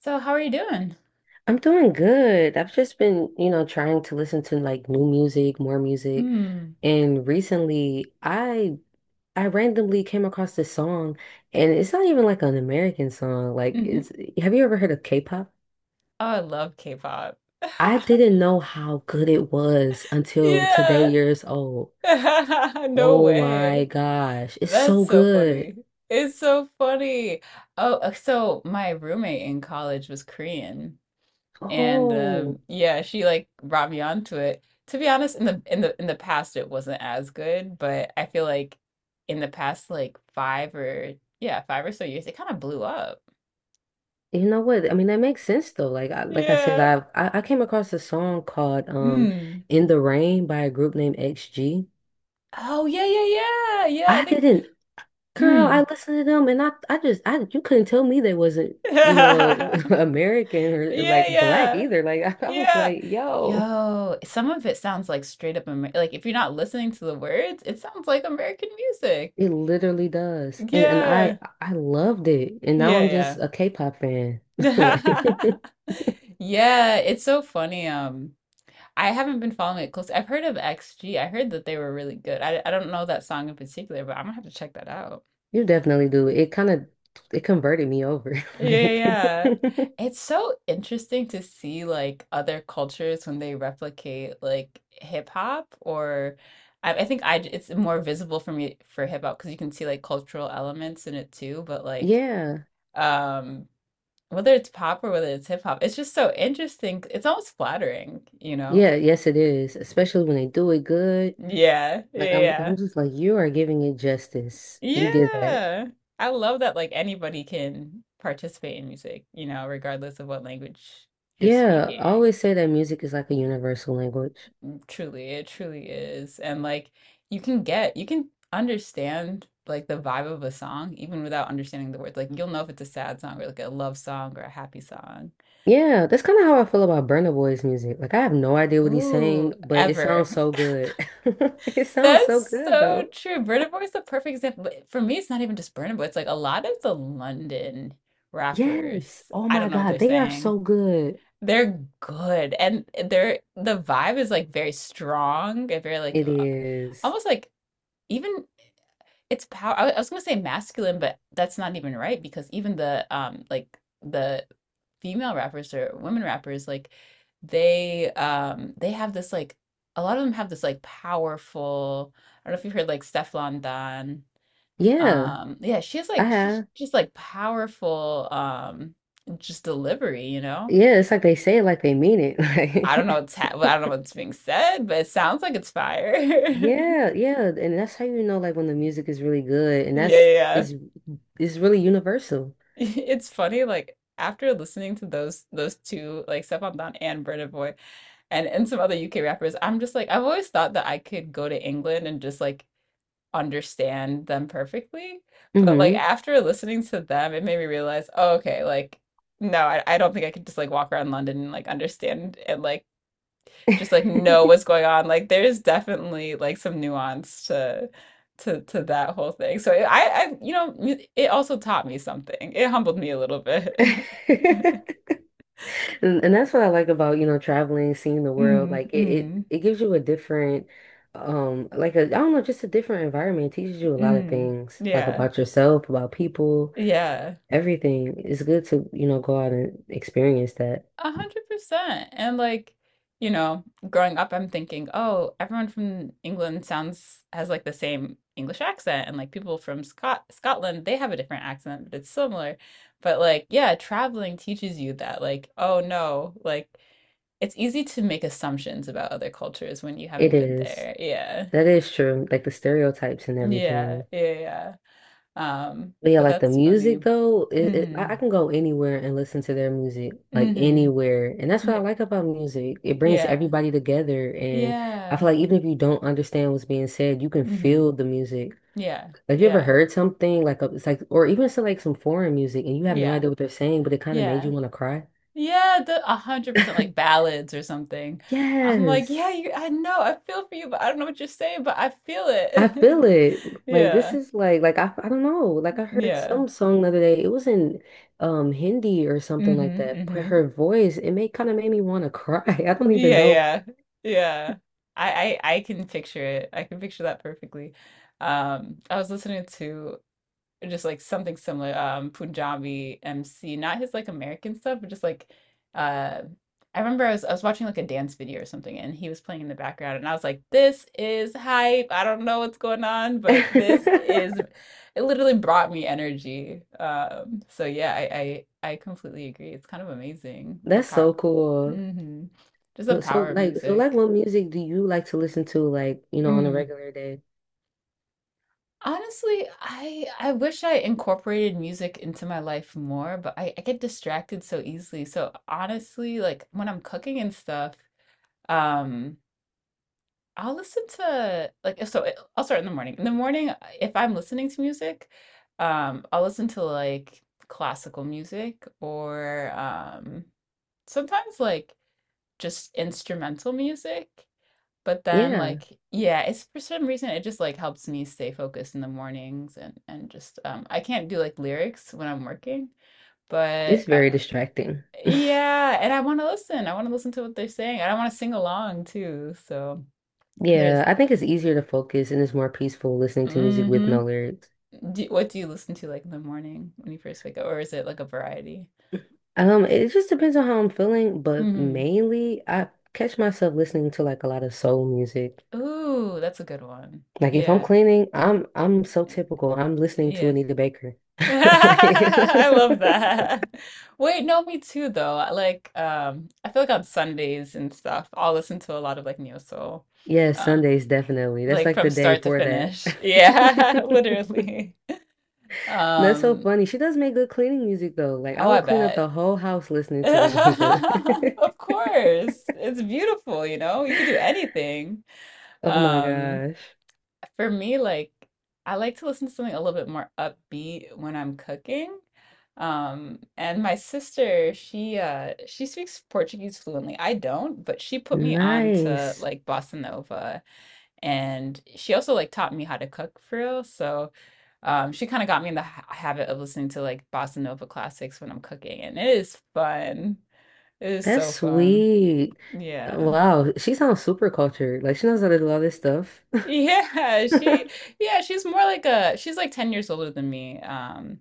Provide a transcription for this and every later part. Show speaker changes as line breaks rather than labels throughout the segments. So how are you doing?
I'm doing good. I've just been, you know, trying to listen to like new music, more music.
Mm.
And recently I randomly came across this song, and it's not even like an American song. Like
Mhm.
it's have you ever heard of K-pop?
Oh, I love K-pop.
I didn't know how good it was until today
Yeah.
years old.
No
Oh my
way.
gosh, it's
That's
so
so
good.
funny. It's so funny. Oh, so my roommate in college was Korean, and
Oh.
yeah, she like brought me onto it. To be honest, in the past, it wasn't as good, but I feel like in the past, like five or so years, it kind of blew up.
You know what? I mean, that makes sense though. Like I said,
Yeah.
I came across a song called
Mm.
In the Rain by a group named XG.
Oh, yeah, yeah, yeah, yeah, I
I
think.
didn't Girl,
Hmm.
I listened to them and I you couldn't tell me they wasn't, you know, American or,
Yeah,
like, black
yeah,
either. Like I was
yeah.
like, yo,
Yo, some of it sounds like straight up Amer like if you're not listening to the words, it sounds like American music.
it literally does. And I
Yeah,
I loved it. And now I'm just
yeah,
a K-pop fan. Like
yeah. Yeah, it's so funny. I haven't been following it close. I've heard of XG. I heard that they were really good. I don't know that song in particular, but I'm gonna have to check that out.
you definitely do. It kind of it converted me over.
Yeah, yeah,
Like
yeah. It's so interesting to see like other cultures when they replicate like hip hop or I think I it's more visible for me for hip hop because you can see like cultural elements in it too, but like
Yeah,
um whether it's pop or whether it's hip hop, it's just so interesting. It's almost flattering, you know?
yeah, yes, it is, especially when they do it good.
Yeah, yeah,
Like I'm,
yeah.
I'm just like, you are giving it justice. You did that.
Yeah. I love that like anybody can participate in music, you know, regardless of what language you're
Yeah, I
speaking.
always say that music is like a universal language.
Truly, it truly is. And like you can understand like the vibe of a song even without understanding the words. Like you'll know if it's a sad song or like a love song or a happy song.
Yeah, that's kind of how I feel about Burna Boy's music. Like I have no idea what he's
Ooh,
saying, but it
ever.
sounds so good. It sounds so
That's
good
so
though.
true. Burna Boy is the perfect example. But for me, it's not even just Burna Boy. It's like a lot of the London
Yes.
rappers.
Oh
I
my
don't know what they're
God, they are
saying.
so good.
They're good, and the vibe is like very strong and very
It is.
almost like even. It's power. I was gonna say masculine, but that's not even right because even the like the female rappers or women rappers, like they have this like a lot of them have this like powerful. I don't know if you've heard like Stefflon Don.
Yeah,
Yeah, she has
I
like she's
have.
just like powerful just delivery, you know?
Yeah, it's like they say it like they mean it.
I don't
Like
know what's being said, but it sounds like it's fire.
yeah, yeah, and that's how you know like when the music is really good, and
Yeah,
that's
yeah.
is really universal.
It's funny, like after listening to those two, like Stefan Don and Burna Boy, and some other UK rappers, I'm just like I've always thought that I could go to England and just like understand them perfectly, but like
Hmm.
after listening to them, it made me realize, oh, okay, like no, I don't think I could just like walk around London and like understand and like just like know what's going on. Like there's definitely like some nuance to to that whole thing. So I you know mu- it also taught me something. It humbled me a little bit.
And that's what I like about, you know, traveling, seeing the world.
Mm,
Like
mm,
it gives you a different, like I don't know, just a different environment. It teaches you a lot of
mm.
things, like
Yeah.
about yourself, about people,
Yeah.
everything. It's good to, you know, go out and experience that.
100%. And like, you know, growing up, I'm thinking, oh, everyone from England sounds has like the same English accent, and like people from Scotland, they have a different accent, but it's similar. But like, yeah, traveling teaches you that, like, oh no, like it's easy to make assumptions about other cultures when you
It
haven't been
is.
there. Yeah.
That is true. Like the stereotypes and
Yeah.
everything.
Yeah. Yeah.
But yeah,
But
like the
that's funny.
music though, it
Mm-hmm.
I can go anywhere and listen to their music, like
Mm-hmm.
anywhere. And that's what I
Yeah.
like about music. It brings
Yeah.
everybody together. And I feel
Yeah.
like even if you don't understand what's being said, you can
Mm-hmm.
feel the music.
Yeah,
Have you ever
yeah,
heard something like a, it's like or even it's like some foreign music and you have no
yeah,
idea what they're saying, but it kind of made you
yeah,
want to cry?
yeah. The 100% like ballads or something. I'm like,
Yes.
yeah, you, I know, I feel for you, but I don't know what you're saying, but I feel
I feel
it.
it. Like this
Yeah,
is like I don't know. Like I heard
yeah,
some song the other day. It was in Hindi or something
mm-hmm,
like that. But
mm-hmm.
her voice, it made kind of made me want to cry. I don't even
Yeah,
know.
yeah, yeah. I can picture it. I can picture that perfectly. I was listening to or just like something similar. Punjabi MC, not his like American stuff, but just uh, I remember I was watching like a dance video or something, and he was playing in the background, and I was like, "This is hype." I don't know what's going on, but this is it. Literally brought me energy. So yeah, I completely agree. It's kind of amazing the
That's
power,
so cool.
hmm, just the
So, so
power of
like so like
music.
what music do you like to listen to like, you know, on a
Mm.
regular day?
Honestly, I wish I incorporated music into my life more, but I get distracted so easily. So honestly, like when I'm cooking and stuff, um, I'll listen to like if so I'll start in the morning. In the morning, if I'm listening to music, I'll listen to like classical music or sometimes like just instrumental music. But then,
Yeah,
like, yeah, it's for some reason it just like helps me stay focused in the mornings and just I can't do like lyrics when I'm working,
it's
but
very distracting.
yeah, and I want to listen. I want to listen to what they're saying. I don't want to sing along too. So
Yeah,
there's
I think it's easier to focus and it's more peaceful listening to music
mm
with no
hmm.
lyrics.
What do you listen to like in the morning when you first wake up, or is it like a variety?
It just depends on how I'm feeling, but
Mm
mainly I catch myself listening to like a lot of soul music.
hmm. Ooh, that's a good one.
Like if I'm
Yeah.
cleaning, I'm so
Eh,
typical. I'm listening to
yeah.
Anita Baker. Like,
I love that. Wait, no, me too though. I feel like on Sundays and stuff, I'll listen to a lot of like neo soul,
yeah,
um,
Sundays definitely. That's
like
like
from
the day
start to
for that.
finish. Yeah, literally.
That's so
Um,
funny. She does make good cleaning music though. Like
oh,
I
I
will clean up the
bet.
whole house listening to Anita.
Of course. It's beautiful, you know? You can do anything.
Oh my
Um,
gosh.
For me, like I like to listen to something a little bit more upbeat when I'm cooking. And my sister, she speaks Portuguese fluently. I don't, but she put me on to
Nice.
like bossa nova, and she also like taught me how to cook for real. So, she kind of got me in the ha habit of listening to like bossa nova classics when I'm cooking, and it is fun. It is
That's
so fun.
sweet.
Yeah.
Wow. She sounds super cultured. Like she knows how to do all this stuff.
Yeah, she yeah, she's more like a she's like 10 years older than me.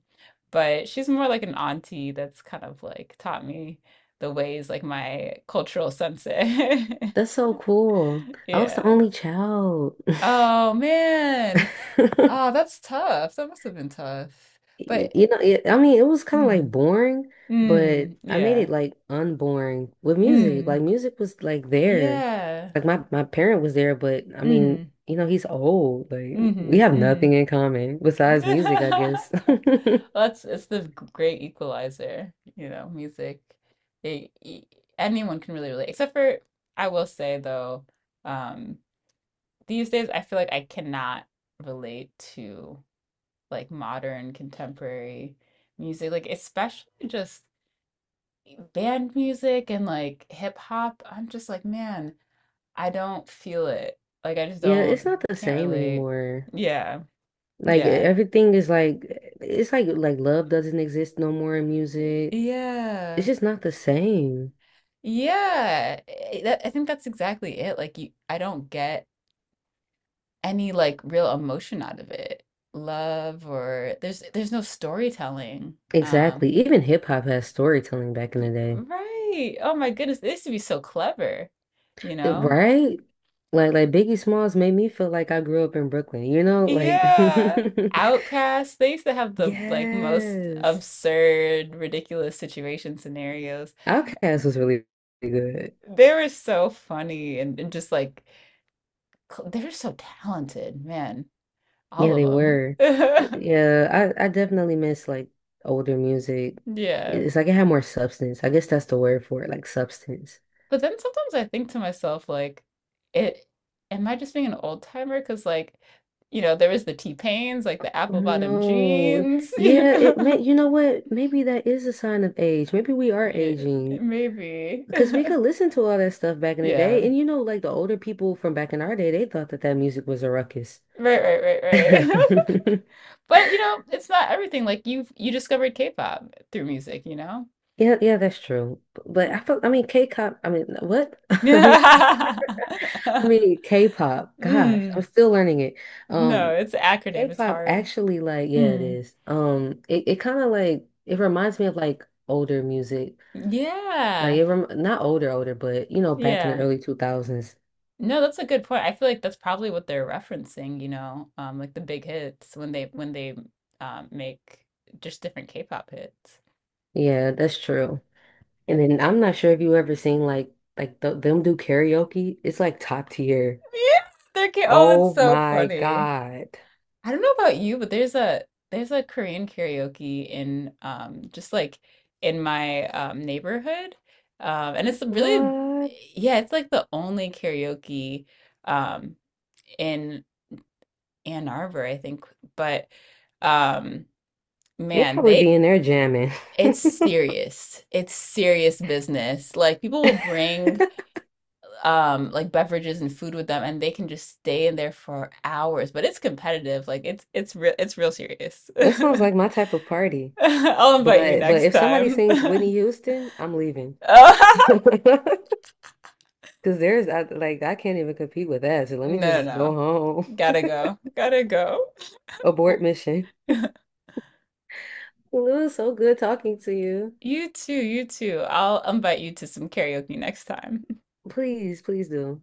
But she's more like an auntie that's kind of like taught me the ways, like my cultural sensei.
That's so cool. I was the
Yeah.
only child.
Oh man. Oh, that's tough. That must have been tough. But
You know, it, I mean, it was kind of like
mm,
boring, but
mm,
I made
yeah.
it like unboring with music. Like
Mm,
music was like there.
yeah.
Like my parent was there, but I mean,
Mm-hmm.
you know, he's old. Like we
Mm-hmm.
have
Mm-hmm.
nothing in common besides music, I guess.
that's It's the great equalizer, you know, music. They e- anyone can really relate, except for I will say though, um, these days I feel like I cannot relate to like modern contemporary music, like especially just band music and like hip hop. I'm just like, man, I don't feel it. Like I just
Yeah, it's
don't,
not the
can't
same
relate.
anymore.
Yeah,
Like
yeah,
everything is like it's like love doesn't exist no more in music. It's
yeah.
just not the same.
I think that's exactly it. I don't get any like real emotion out of it. Love or there's no storytelling.
Exactly. Even hip hop has storytelling back in the day.
Right. Oh my goodness, they used to be so clever, you know?
Right? Like Biggie Smalls made me feel like I grew up in Brooklyn, you know? Like
Yeah. Outcasts, they used to have the like most
yes.
absurd, ridiculous situation scenarios.
Outkast was really good.
They were so funny and just they were so talented, man. All
Yeah,
of
they
them.
were. Yeah, I definitely miss like older music.
Yeah.
It's like it had more substance. I guess that's the word for it, like substance.
But then sometimes I think to myself, like, it am I just being an old timer? Because like, you know, there was the T-Pains, like the apple bottom
No.
jeans, you
Yeah, it may
know?
you know what? Maybe that is a sign of age. Maybe we are
Ye
aging.
maybe.
Because we could listen to all that stuff back in the
Yeah.
day. And you know, like the older people from back in our day, they thought that that music was a ruckus.
Right, right, right, right. But, you know, it's not everything, like, you discovered K-pop through music, you know?
Yeah, yeah, that's true. But I feel, I mean, K-pop, I mean, what? I mean, K-pop, gosh, I'm
Mm.
still learning it.
No,
Um,
it's an acronym, it's
K-pop
hard.
actually like, yeah, it
Mm.
is. Um, it kind of like, it reminds me of like older music. Like
Yeah.
it rem not older, older, but you know, back in the
Yeah.
early 2000s.
No, that's a good point. I feel like that's probably what they're referencing, you know, like the big hits when they make just different K-pop hits.
Yeah, that's true. And then I'm not sure if you ever seen like th them do karaoke. It's like top tier.
Yeah, they're oh, that's
Oh
so
my
funny.
God.
I don't know about you, but there's a Korean karaoke in just like in my neighborhood, and it's really
What?
yeah, it's like the only karaoke um, in Ann Arbor, I think, but. Um,
They
man,
probably
they
be in there jamming.
It's serious. It's serious business. Like people will bring like beverages and food with them, and they can just stay in there for hours, but it's competitive. Like it's real serious.
That sounds like my type of party.
I'll invite you
But
next
if somebody
time.
sings Whitney Houston, I'm leaving. Because like I can't even compete with that. So let me
No, no,
just go
no.
home.
Gotta go. Gotta go.
Abort mission. Well, it was so good talking to you.
You too, you too. I'll invite you to some karaoke next time.
Please, please do.